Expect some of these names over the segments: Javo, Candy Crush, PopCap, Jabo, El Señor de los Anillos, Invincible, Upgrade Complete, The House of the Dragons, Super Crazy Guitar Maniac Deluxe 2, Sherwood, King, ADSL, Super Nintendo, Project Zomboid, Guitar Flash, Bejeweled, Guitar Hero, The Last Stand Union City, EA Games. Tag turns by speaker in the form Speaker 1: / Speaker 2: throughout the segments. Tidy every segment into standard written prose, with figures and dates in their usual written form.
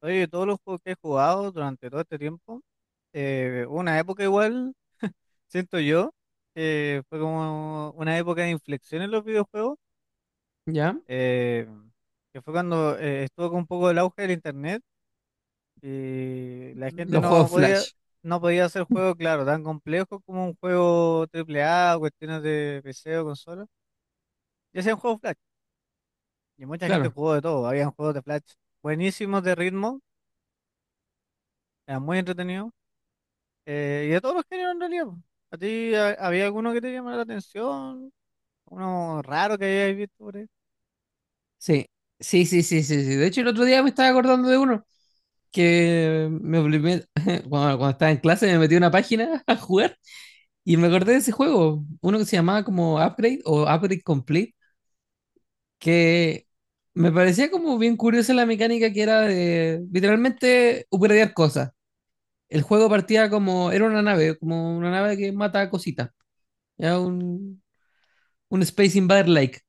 Speaker 1: Oye, todos los juegos que he jugado durante todo este tiempo, hubo una época igual, siento yo. Fue como una época de inflexión en los videojuegos,
Speaker 2: ¿Ya?
Speaker 1: eh, que fue cuando estuvo con un poco el auge del internet y la gente
Speaker 2: Los
Speaker 1: no
Speaker 2: juegos
Speaker 1: podía,
Speaker 2: Flash,
Speaker 1: no podía hacer juegos, claro, tan complejos como un juego triple A o cuestiones de PC o consola, y hacían juegos Flash, y mucha gente
Speaker 2: claro.
Speaker 1: jugó de todo, habían juegos de Flash buenísimos de ritmo, eran muy entretenidos. Y de todos los géneros en realidad, po. ¿A ti había alguno que te llamara la atención? ¿Uno raro que hayáis visto por ahí?
Speaker 2: Sí, sí, sí, sí, sí, sí. De hecho, el otro día me estaba acordando de uno que me obligé, cuando estaba en clase me metí a una página a jugar y me acordé
Speaker 1: Ya.
Speaker 2: de ese juego, uno que se llamaba como Upgrade o Upgrade Complete, que me parecía como bien curiosa la mecánica que era de literalmente upgradear cosas. El juego partía como, era una nave, como una nave que mata cositas. Era un Space Invader Like.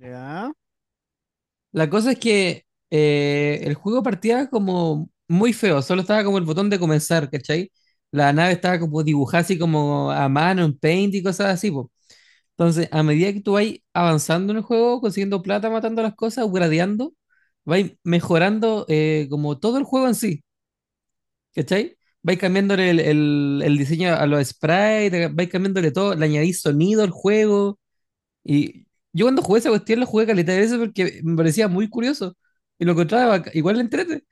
Speaker 1: Ya.
Speaker 2: La cosa es que el juego partía como muy feo, solo estaba como el botón de comenzar, ¿cachai? La nave estaba como dibujada así como a mano, en paint y cosas así, po. Entonces, a medida que tú vas avanzando en el juego, consiguiendo plata, matando las cosas, upgradeando, vas mejorando como todo el juego en sí, ¿cachai? Vais cambiándole el diseño a los sprites, vais cambiándole todo, le añadís sonido al juego y yo cuando jugué esa cuestión la jugué caleta de veces porque me parecía muy curioso. Y lo encontraba bac- igual le entrete.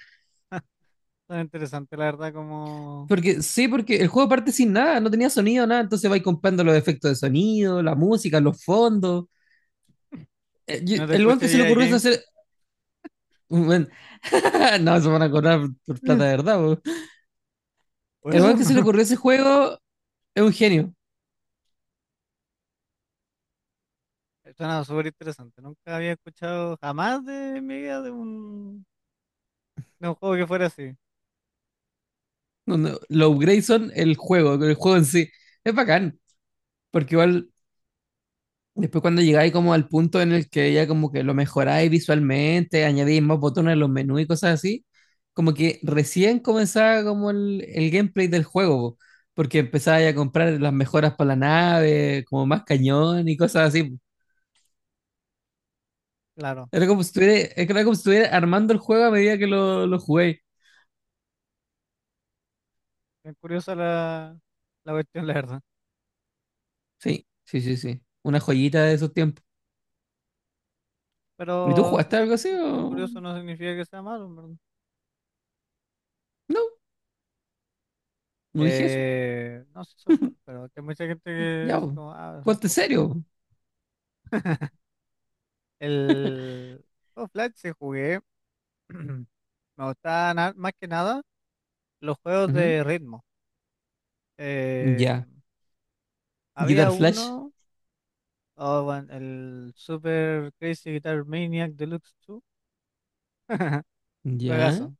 Speaker 1: Suena interesante, la verdad, como
Speaker 2: Porque sí, porque el juego parte sin nada, no tenía sonido, nada. Entonces vais comprando los efectos de sonido, la música, los fondos.
Speaker 1: que no te
Speaker 2: El weón
Speaker 1: escucha
Speaker 2: que se le
Speaker 1: EA
Speaker 2: ocurrió eso
Speaker 1: Games.
Speaker 2: hacer. Weón, no, se van a cobrar por plata de verdad, po.
Speaker 1: Por
Speaker 2: El
Speaker 1: eso.
Speaker 2: weón que se le ocurrió ese juego es un genio.
Speaker 1: Suena súper interesante. Nunca había escuchado jamás de mi vida de un juego que fuera así.
Speaker 2: No, no, los upgrades son el juego en sí. Es bacán, porque igual después cuando llegáis como al punto en el que ya como que lo mejoráis visualmente, añadís más botones en los menús y cosas así, como que recién comenzaba como el gameplay del juego, po, porque empezabais a comprar las mejoras para la nave, como más cañón y cosas así. Po.
Speaker 1: Claro.
Speaker 2: Era como si estuviera, era como si estuviera armando el juego a medida que lo jugué.
Speaker 1: Es curiosa la cuestión, la verdad.
Speaker 2: Sí, sí, sí, sí. Una joyita de esos tiempos. ¿Y tú
Speaker 1: Pero que
Speaker 2: jugaste
Speaker 1: sea
Speaker 2: algo así
Speaker 1: cu- cu-
Speaker 2: o...?
Speaker 1: curioso no significa que sea malo.
Speaker 2: No, no dije eso.
Speaker 1: No sé eso, pero que hay mucha gente que
Speaker 2: Ya,
Speaker 1: dice
Speaker 2: po.
Speaker 1: como, ah, son
Speaker 2: Ponte
Speaker 1: juegos Flash.
Speaker 2: serio.
Speaker 1: El juego Flash sí jugué. Me gustaban más que nada los juegos
Speaker 2: Ujú,
Speaker 1: de ritmo. Eh,
Speaker 2: ya.
Speaker 1: Había
Speaker 2: Guitar Flash.
Speaker 1: uno, oh, bueno, el Super Crazy Guitar Maniac Deluxe 2.
Speaker 2: Ya,
Speaker 1: Juegazo,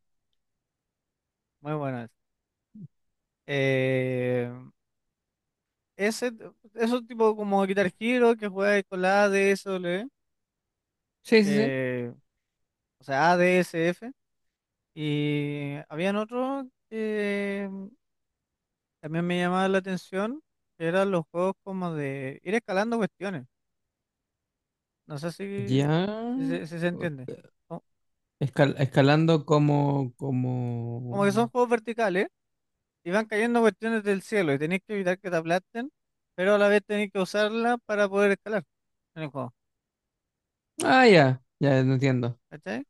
Speaker 1: muy bueno ese. Eh, Ese, eso tipo como Guitar Hero que juega con la ADSL,
Speaker 2: sí, sí, sí.
Speaker 1: eh, o sea, ADSF. Y habían otros que también me llamaban la atención, que eran los juegos como de ir escalando cuestiones. No sé si,
Speaker 2: Ya.
Speaker 1: si, se si se
Speaker 2: Co-
Speaker 1: entiende. Co-
Speaker 2: escal- escalando como, como.
Speaker 1: Como que son juegos verticales y van cayendo cuestiones del cielo y tenéis que evitar que te aplasten, pero a la vez tenéis que usarla para poder escalar en el juego.
Speaker 2: Ah, ya, ya no entiendo.
Speaker 1: ¿Cachai?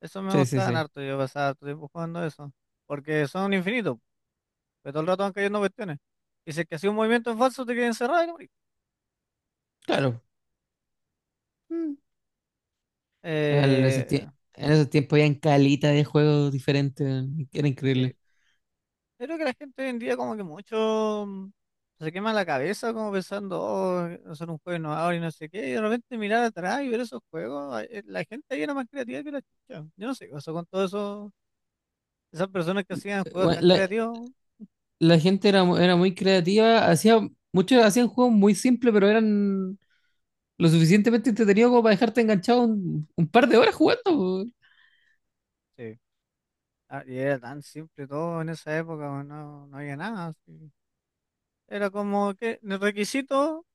Speaker 1: Eso me
Speaker 2: Sí, sí,
Speaker 1: gustaban
Speaker 2: sí.
Speaker 1: harto, yo pasaba harto tiempo jugando eso. Porque son infinitos, pero todo el rato van cayendo cuestiones. Y si es que hacía un movimiento en falso, te quedas encerrado y no morís.
Speaker 2: Claro. Mm. En esos
Speaker 1: Eh,
Speaker 2: tie- en esos tiempos habían calita de juegos diferentes, weón, era
Speaker 1: sí.
Speaker 2: increíble.
Speaker 1: Creo que la gente hoy en día como que mucho se quema la cabeza como pensando, oh, son un juego innovador y no sé qué, y de repente mirar atrás y ver esos juegos, ah, la gente ahí era más creativa que la chucha. Yo no sé, o sea, con todo eso, esas personas que hacían juegos
Speaker 2: Bueno,
Speaker 1: tan creativos,
Speaker 2: la gente era, mu- era muy creativa, hacía, muchos hacían juegos muy simples, pero eran lo suficientemente entretenidos como para dejarte enganchado un par de horas jugando.
Speaker 1: sí, ah, y era tan simple todo en esa época, bueno, no, no había nada, así. Era como que el requisito,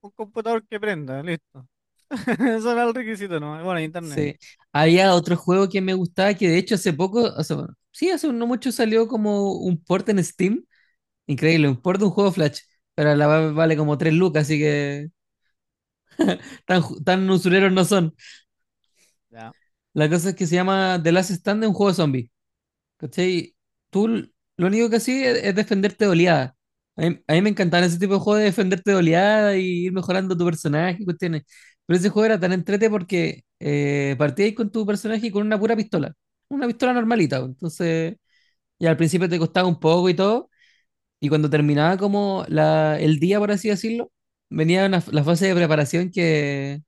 Speaker 1: un computador que prenda, listo. Eso era el requisito, ¿no? Bueno, internet.
Speaker 2: Sí. Había otro juego que me gustaba que de hecho hace poco, o sea, bueno, sí, hace no mucho salió como un port en Steam. Increíble, un port de un juego Flash. Pero la va- vale como 3 lucas, así que tan, ju- tan usureros no son.
Speaker 1: Ya,
Speaker 2: La cosa es que se llama The Last Stand, un juego zombie. ¿Cachai? Tú l- lo único que sí es defenderte de oleada. A mí me encantaban ese tipo de juegos de defenderte de oleada y ir mejorando tu personaje y cuestiones. Pero ese juego era tan entrete porque partíais con tu personaje y con una pura pistola. Una pistola normalita. Pues. Entonces, ya al principio te costaba un poco y todo. Y cuando terminaba como la, el día, por así decirlo, venía una- la fase de preparación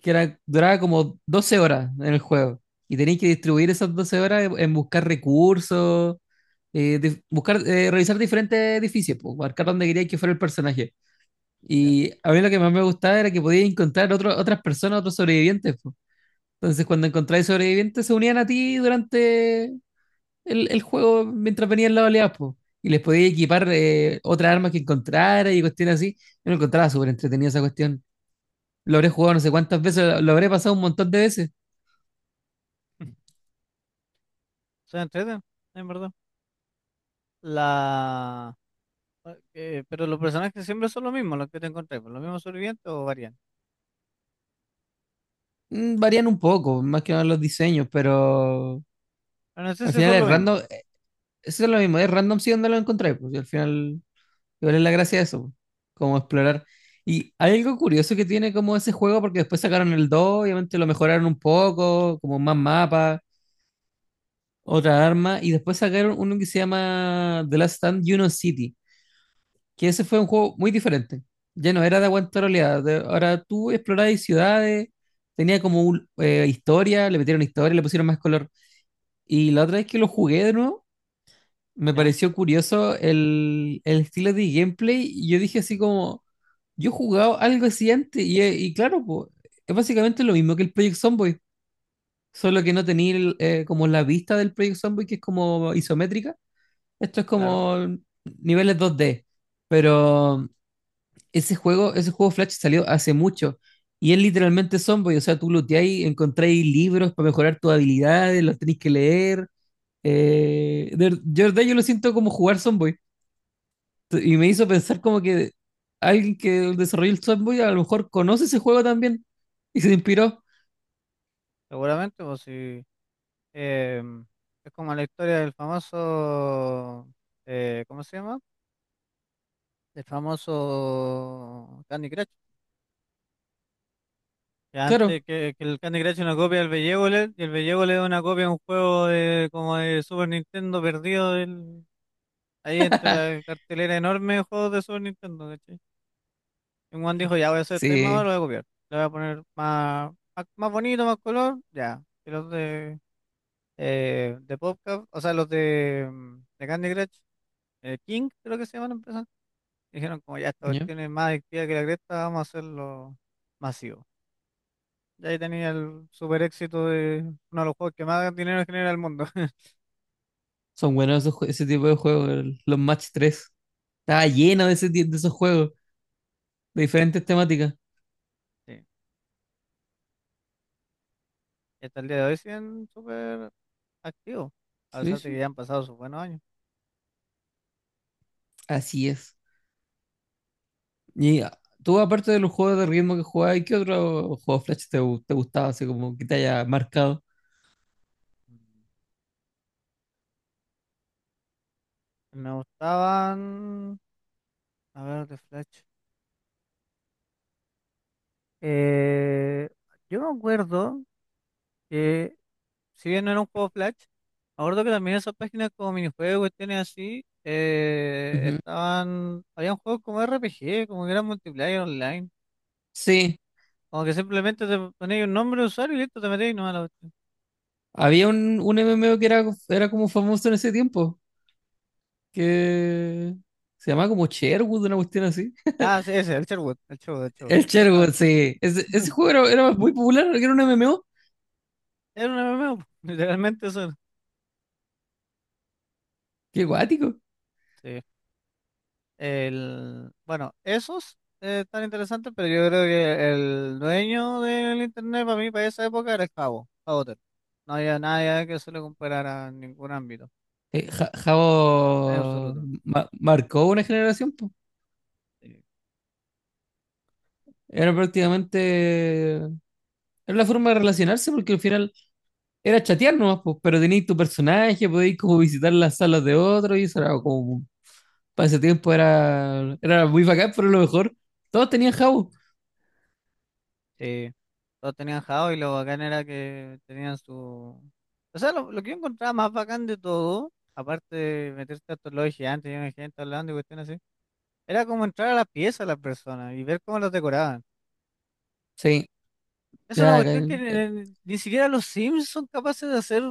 Speaker 2: que era, duraba como 12 horas en el juego. Y tenéis que distribuir esas 12 horas en buscar recursos, dif- buscar, revisar diferentes edificios, pues, marcar dónde queríais que fuera el personaje.
Speaker 1: ya.
Speaker 2: Y a mí lo que más me gustaba era que podías encontrar otro- otras personas, otros sobrevivientes. Pues. Entonces, cuando encontráis sobrevivientes, se unían a ti durante el juego mientras venían las oleadas, pues. Y les podías equipar otras armas que encontrara y cuestiones así. Yo lo encontraba súper entretenida esa cuestión. Lo habré jugado no sé cuántas veces, lo habré pasado un montón de veces.
Speaker 1: Son entreten, en verdad. La. Ah, pero los personajes siempre son los mismos, los que te encontré, pues, los mismos sobrevivientes o varían.
Speaker 2: Mm, varían un poco, más que nada los diseños, pero
Speaker 1: Pero no sé
Speaker 2: al
Speaker 1: si
Speaker 2: final
Speaker 1: son lo
Speaker 2: es random.
Speaker 1: mismo.
Speaker 2: Eso es lo mismo, es random si donde lo encontráis, pues y al final, igual es la gracia de eso, pues, como explorar. Y hay algo curioso que tiene como ese juego, porque después sacaron el 2 obviamente lo mejoraron un poco, como más mapas, otra arma, y después sacaron uno que se llama The Last Stand Juno City, que ese fue un juego muy diferente. Ya no era de aguantar oleadas, de- ahora tú explorabas ciudades, tenía como un- historia, le metieron historia, le pusieron más color. Y la otra vez que lo jugué de nuevo, me
Speaker 1: ¿Ya?
Speaker 2: pareció curioso el estilo de gameplay. Y yo dije así como, yo he jugado algo así antes. Y claro, po, es básicamente lo mismo que el Project Zomboid, solo que no tenía el, como la vista del Project Zomboid, que es como isométrica. Esto es
Speaker 1: Claro,
Speaker 2: como niveles 2D. Pero ese juego Flash salió hace mucho. Y es literalmente Zomboid, o sea, tú looteáis, encontráis libros para mejorar tus habilidades, los tenéis que leer de verdad yo lo siento como jugar Sonboy. Y me hizo pensar como que alguien que desarrolló el Sonboy a lo mejor conoce ese juego también y se inspiró.
Speaker 1: seguramente, pues si em, es como la historia del famoso, ¿cómo se llama? El famoso Candy Crush. Que antes
Speaker 2: Claro,
Speaker 1: que el Candy Crush es una copia del Bejeweled, y el Bejeweled es una copia de un juego de, como de Super Nintendo perdido del, ahí entre la cartelera enorme de juegos de Super Nintendo, ¿cachai? Y Juan dijo, ya voy a hacer tema
Speaker 2: sí.
Speaker 1: ahora, lo voy a copiar. Le voy a poner más, más, más bonito, más color, ya. Y los de PopCap, o sea, los de, de Candy Crush, King, creo que se llaman la empresa. Dijeron, como ya esta
Speaker 2: ¿Ya?
Speaker 1: cuestión es más adictiva que la cresta, vamos a hacerlo masivo. Y ahí tenía el super éxito de uno de los juegos que más dinero genera el mundo.
Speaker 2: Son buenos esos jue- ese tipo de juegos, el- los Match tres. Estaba lleno de, ese ti- de esos juegos, de diferentes temáticas.
Speaker 1: Sí. Y hasta el día de hoy siguen súper activos, a
Speaker 2: Sí,
Speaker 1: pesar de que
Speaker 2: sí.
Speaker 1: ya han pasado sus buenos años.
Speaker 2: Así es. Y ah, tú, aparte de los juegos de ritmo que jugabas, ¿qué otro juego Flash te, gu- te gustaba, así como que te haya marcado?
Speaker 1: Mm. Me gustaban, a ver, de Flash. Eh, yo me acuerdo que, si bien no era un juego Flash, me acuerdo que también esas páginas como minijuegos, tienen así,
Speaker 2: Ujú.
Speaker 1: estaban, habían juegos como RPG, como que eran multiplayer online,
Speaker 2: Sí,
Speaker 1: como que simplemente te ponías un nombre de usuario y listo, te metías y no a la cuestión.
Speaker 2: había un MMO que era, era como famoso en ese tiempo, que se llamaba como Sherwood, una cuestión así.
Speaker 1: Ah, sí, ese, el Sherwood, el Sherwood, el Sherwood,
Speaker 2: El Sherwood,
Speaker 1: justamente.
Speaker 2: sí. Ese juego era, era muy popular, era un MMO.
Speaker 1: Era un MMO. Literalmente eso era.
Speaker 2: Qué guático.
Speaker 1: Sí. El, bueno, esos están interesantes, pero yo creo que el dueño del internet para mí, para esa época, era el Javo, Javo. No había nadie que se le comparara en ningún ámbito, en
Speaker 2: Jabo
Speaker 1: absoluto.
Speaker 2: ma- marcó una generación, po.
Speaker 1: Sí,
Speaker 2: Era prácticamente... Era la forma de relacionarse porque al final era chatear nomás, po, pero tenías tu personaje, podías como visitar las salas de otros y eso era como... Para ese tiempo era, era muy bacán, pero a lo mejor todos tenían Jabo.
Speaker 1: sí, todos tenían Javo y lo bacán era que tenían su... O sea, lo que yo encontraba más bacán de todo, aparte de meterte a estos lobbies gigantes, y gente hablando y cuestiones así, era como entrar a la pieza de las personas y ver cómo los decoraban.
Speaker 2: Sí,
Speaker 1: Es una
Speaker 2: ya,
Speaker 1: cuestión
Speaker 2: acá-
Speaker 1: que ni siquiera los Sims son capaces de hacer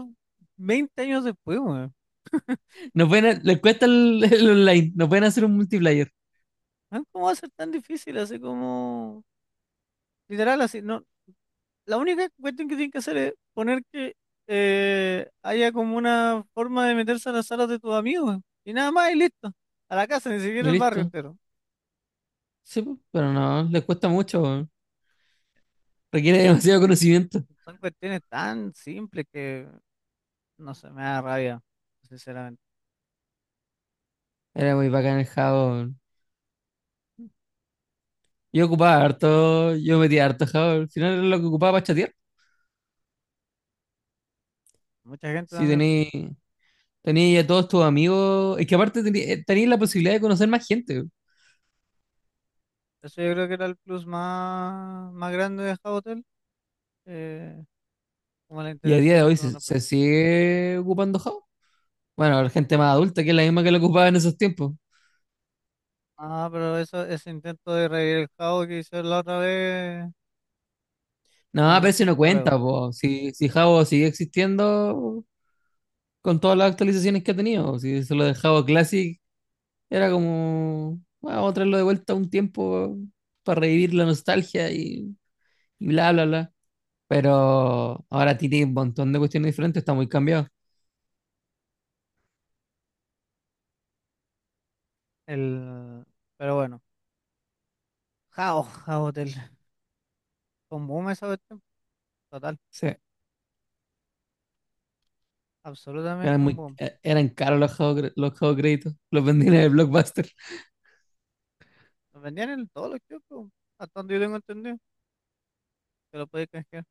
Speaker 1: 20 años después, weón.
Speaker 2: no pueden, ha- les cuesta el online, no pueden hacer un multiplayer.
Speaker 1: Ah, ¿cómo va a ser tan difícil? Así como, literal, así, no. La única cuestión que tienen que hacer es poner que haya como una forma de meterse a las salas de tus amigos, y nada más, y listo. A la casa, ni siquiera
Speaker 2: Y
Speaker 1: al barrio
Speaker 2: listo.
Speaker 1: entero.
Speaker 2: Sí, po, pero no, les cuesta mucho. Weón. Requiere
Speaker 1: Son, cu-
Speaker 2: demasiado conocimiento.
Speaker 1: son cuestiones tan simples que, no sé, me da rabia, sinceramente.
Speaker 2: Era muy bacán el Java. Weón. Yo ocupaba harto, yo metía harto Java. Al final era lo que ocupaba para chatear.
Speaker 1: Mucha gente
Speaker 2: Si
Speaker 1: también,
Speaker 2: tenéis tenéis a todos tus amigos. Es que aparte tenéis la posibilidad de conocer más gente. Weón.
Speaker 1: eso yo creo que era el plus más, más grande de Hotel, eh, como las
Speaker 2: Y a día de
Speaker 1: interacciones
Speaker 2: hoy
Speaker 1: con
Speaker 2: se,
Speaker 1: otra
Speaker 2: se
Speaker 1: persona.
Speaker 2: sigue ocupando Java. Bueno, la gente más adulta que es la misma que lo ocupaba en esos tiempos.
Speaker 1: Ah, pero eso, ese intento de revivir el jao que hizo la otra vez,
Speaker 2: No, pero
Speaker 1: no,
Speaker 2: eso
Speaker 1: no,
Speaker 2: no
Speaker 1: no
Speaker 2: cuenta,
Speaker 1: pegó.
Speaker 2: po. Si, si Java sigue existiendo, con todas las actualizaciones que ha tenido. Si se lo dejaba Classic, era como, "Bueno, vamos a traerlo de vuelta un tiempo para revivir la nostalgia y bla, bla, bla." Pero ahora tiene un montón de cuestiones diferentes, está muy cambiado.
Speaker 1: El, pero bueno, jao, jao del, un boom esa cuestión, total,
Speaker 2: Sí. Eran,
Speaker 1: absolutamente un
Speaker 2: muy,
Speaker 1: boom.
Speaker 2: eran caros los juegos, cre- los juegos créditos, los vendían en el Blockbuster.
Speaker 1: Lo vendían en todos los kioscos, hasta donde yo tengo entendido, que lo podéis canjear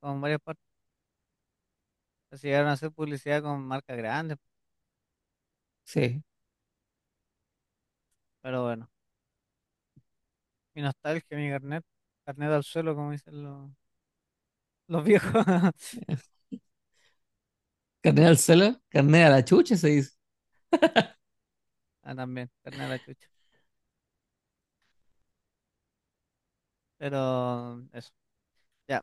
Speaker 1: con varias partes. Así llegaron a hacer publicidad con marcas grandes,
Speaker 2: Sí.
Speaker 1: pero bueno, mi nostalgia, mi carnet, carnet al suelo, como dicen los viejos.
Speaker 2: Carne al celo, carne a la
Speaker 1: Carnet.
Speaker 2: chucha se dice.
Speaker 1: Ah, también, carnet a la chucha. Pero eso. Ya.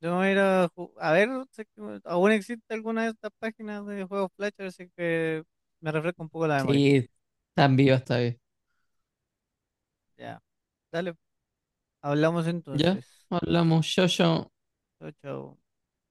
Speaker 1: Yo voy a ir a, a ver si es que aún existe alguna de estas páginas de juegos Flash, así que me refresco un poco la memoria.
Speaker 2: Sí, tan vivo está bien.
Speaker 1: Ya. Dale, hablamos
Speaker 2: Ya,
Speaker 1: entonces.
Speaker 2: hablamos, yo, yo.
Speaker 1: Chao, chao.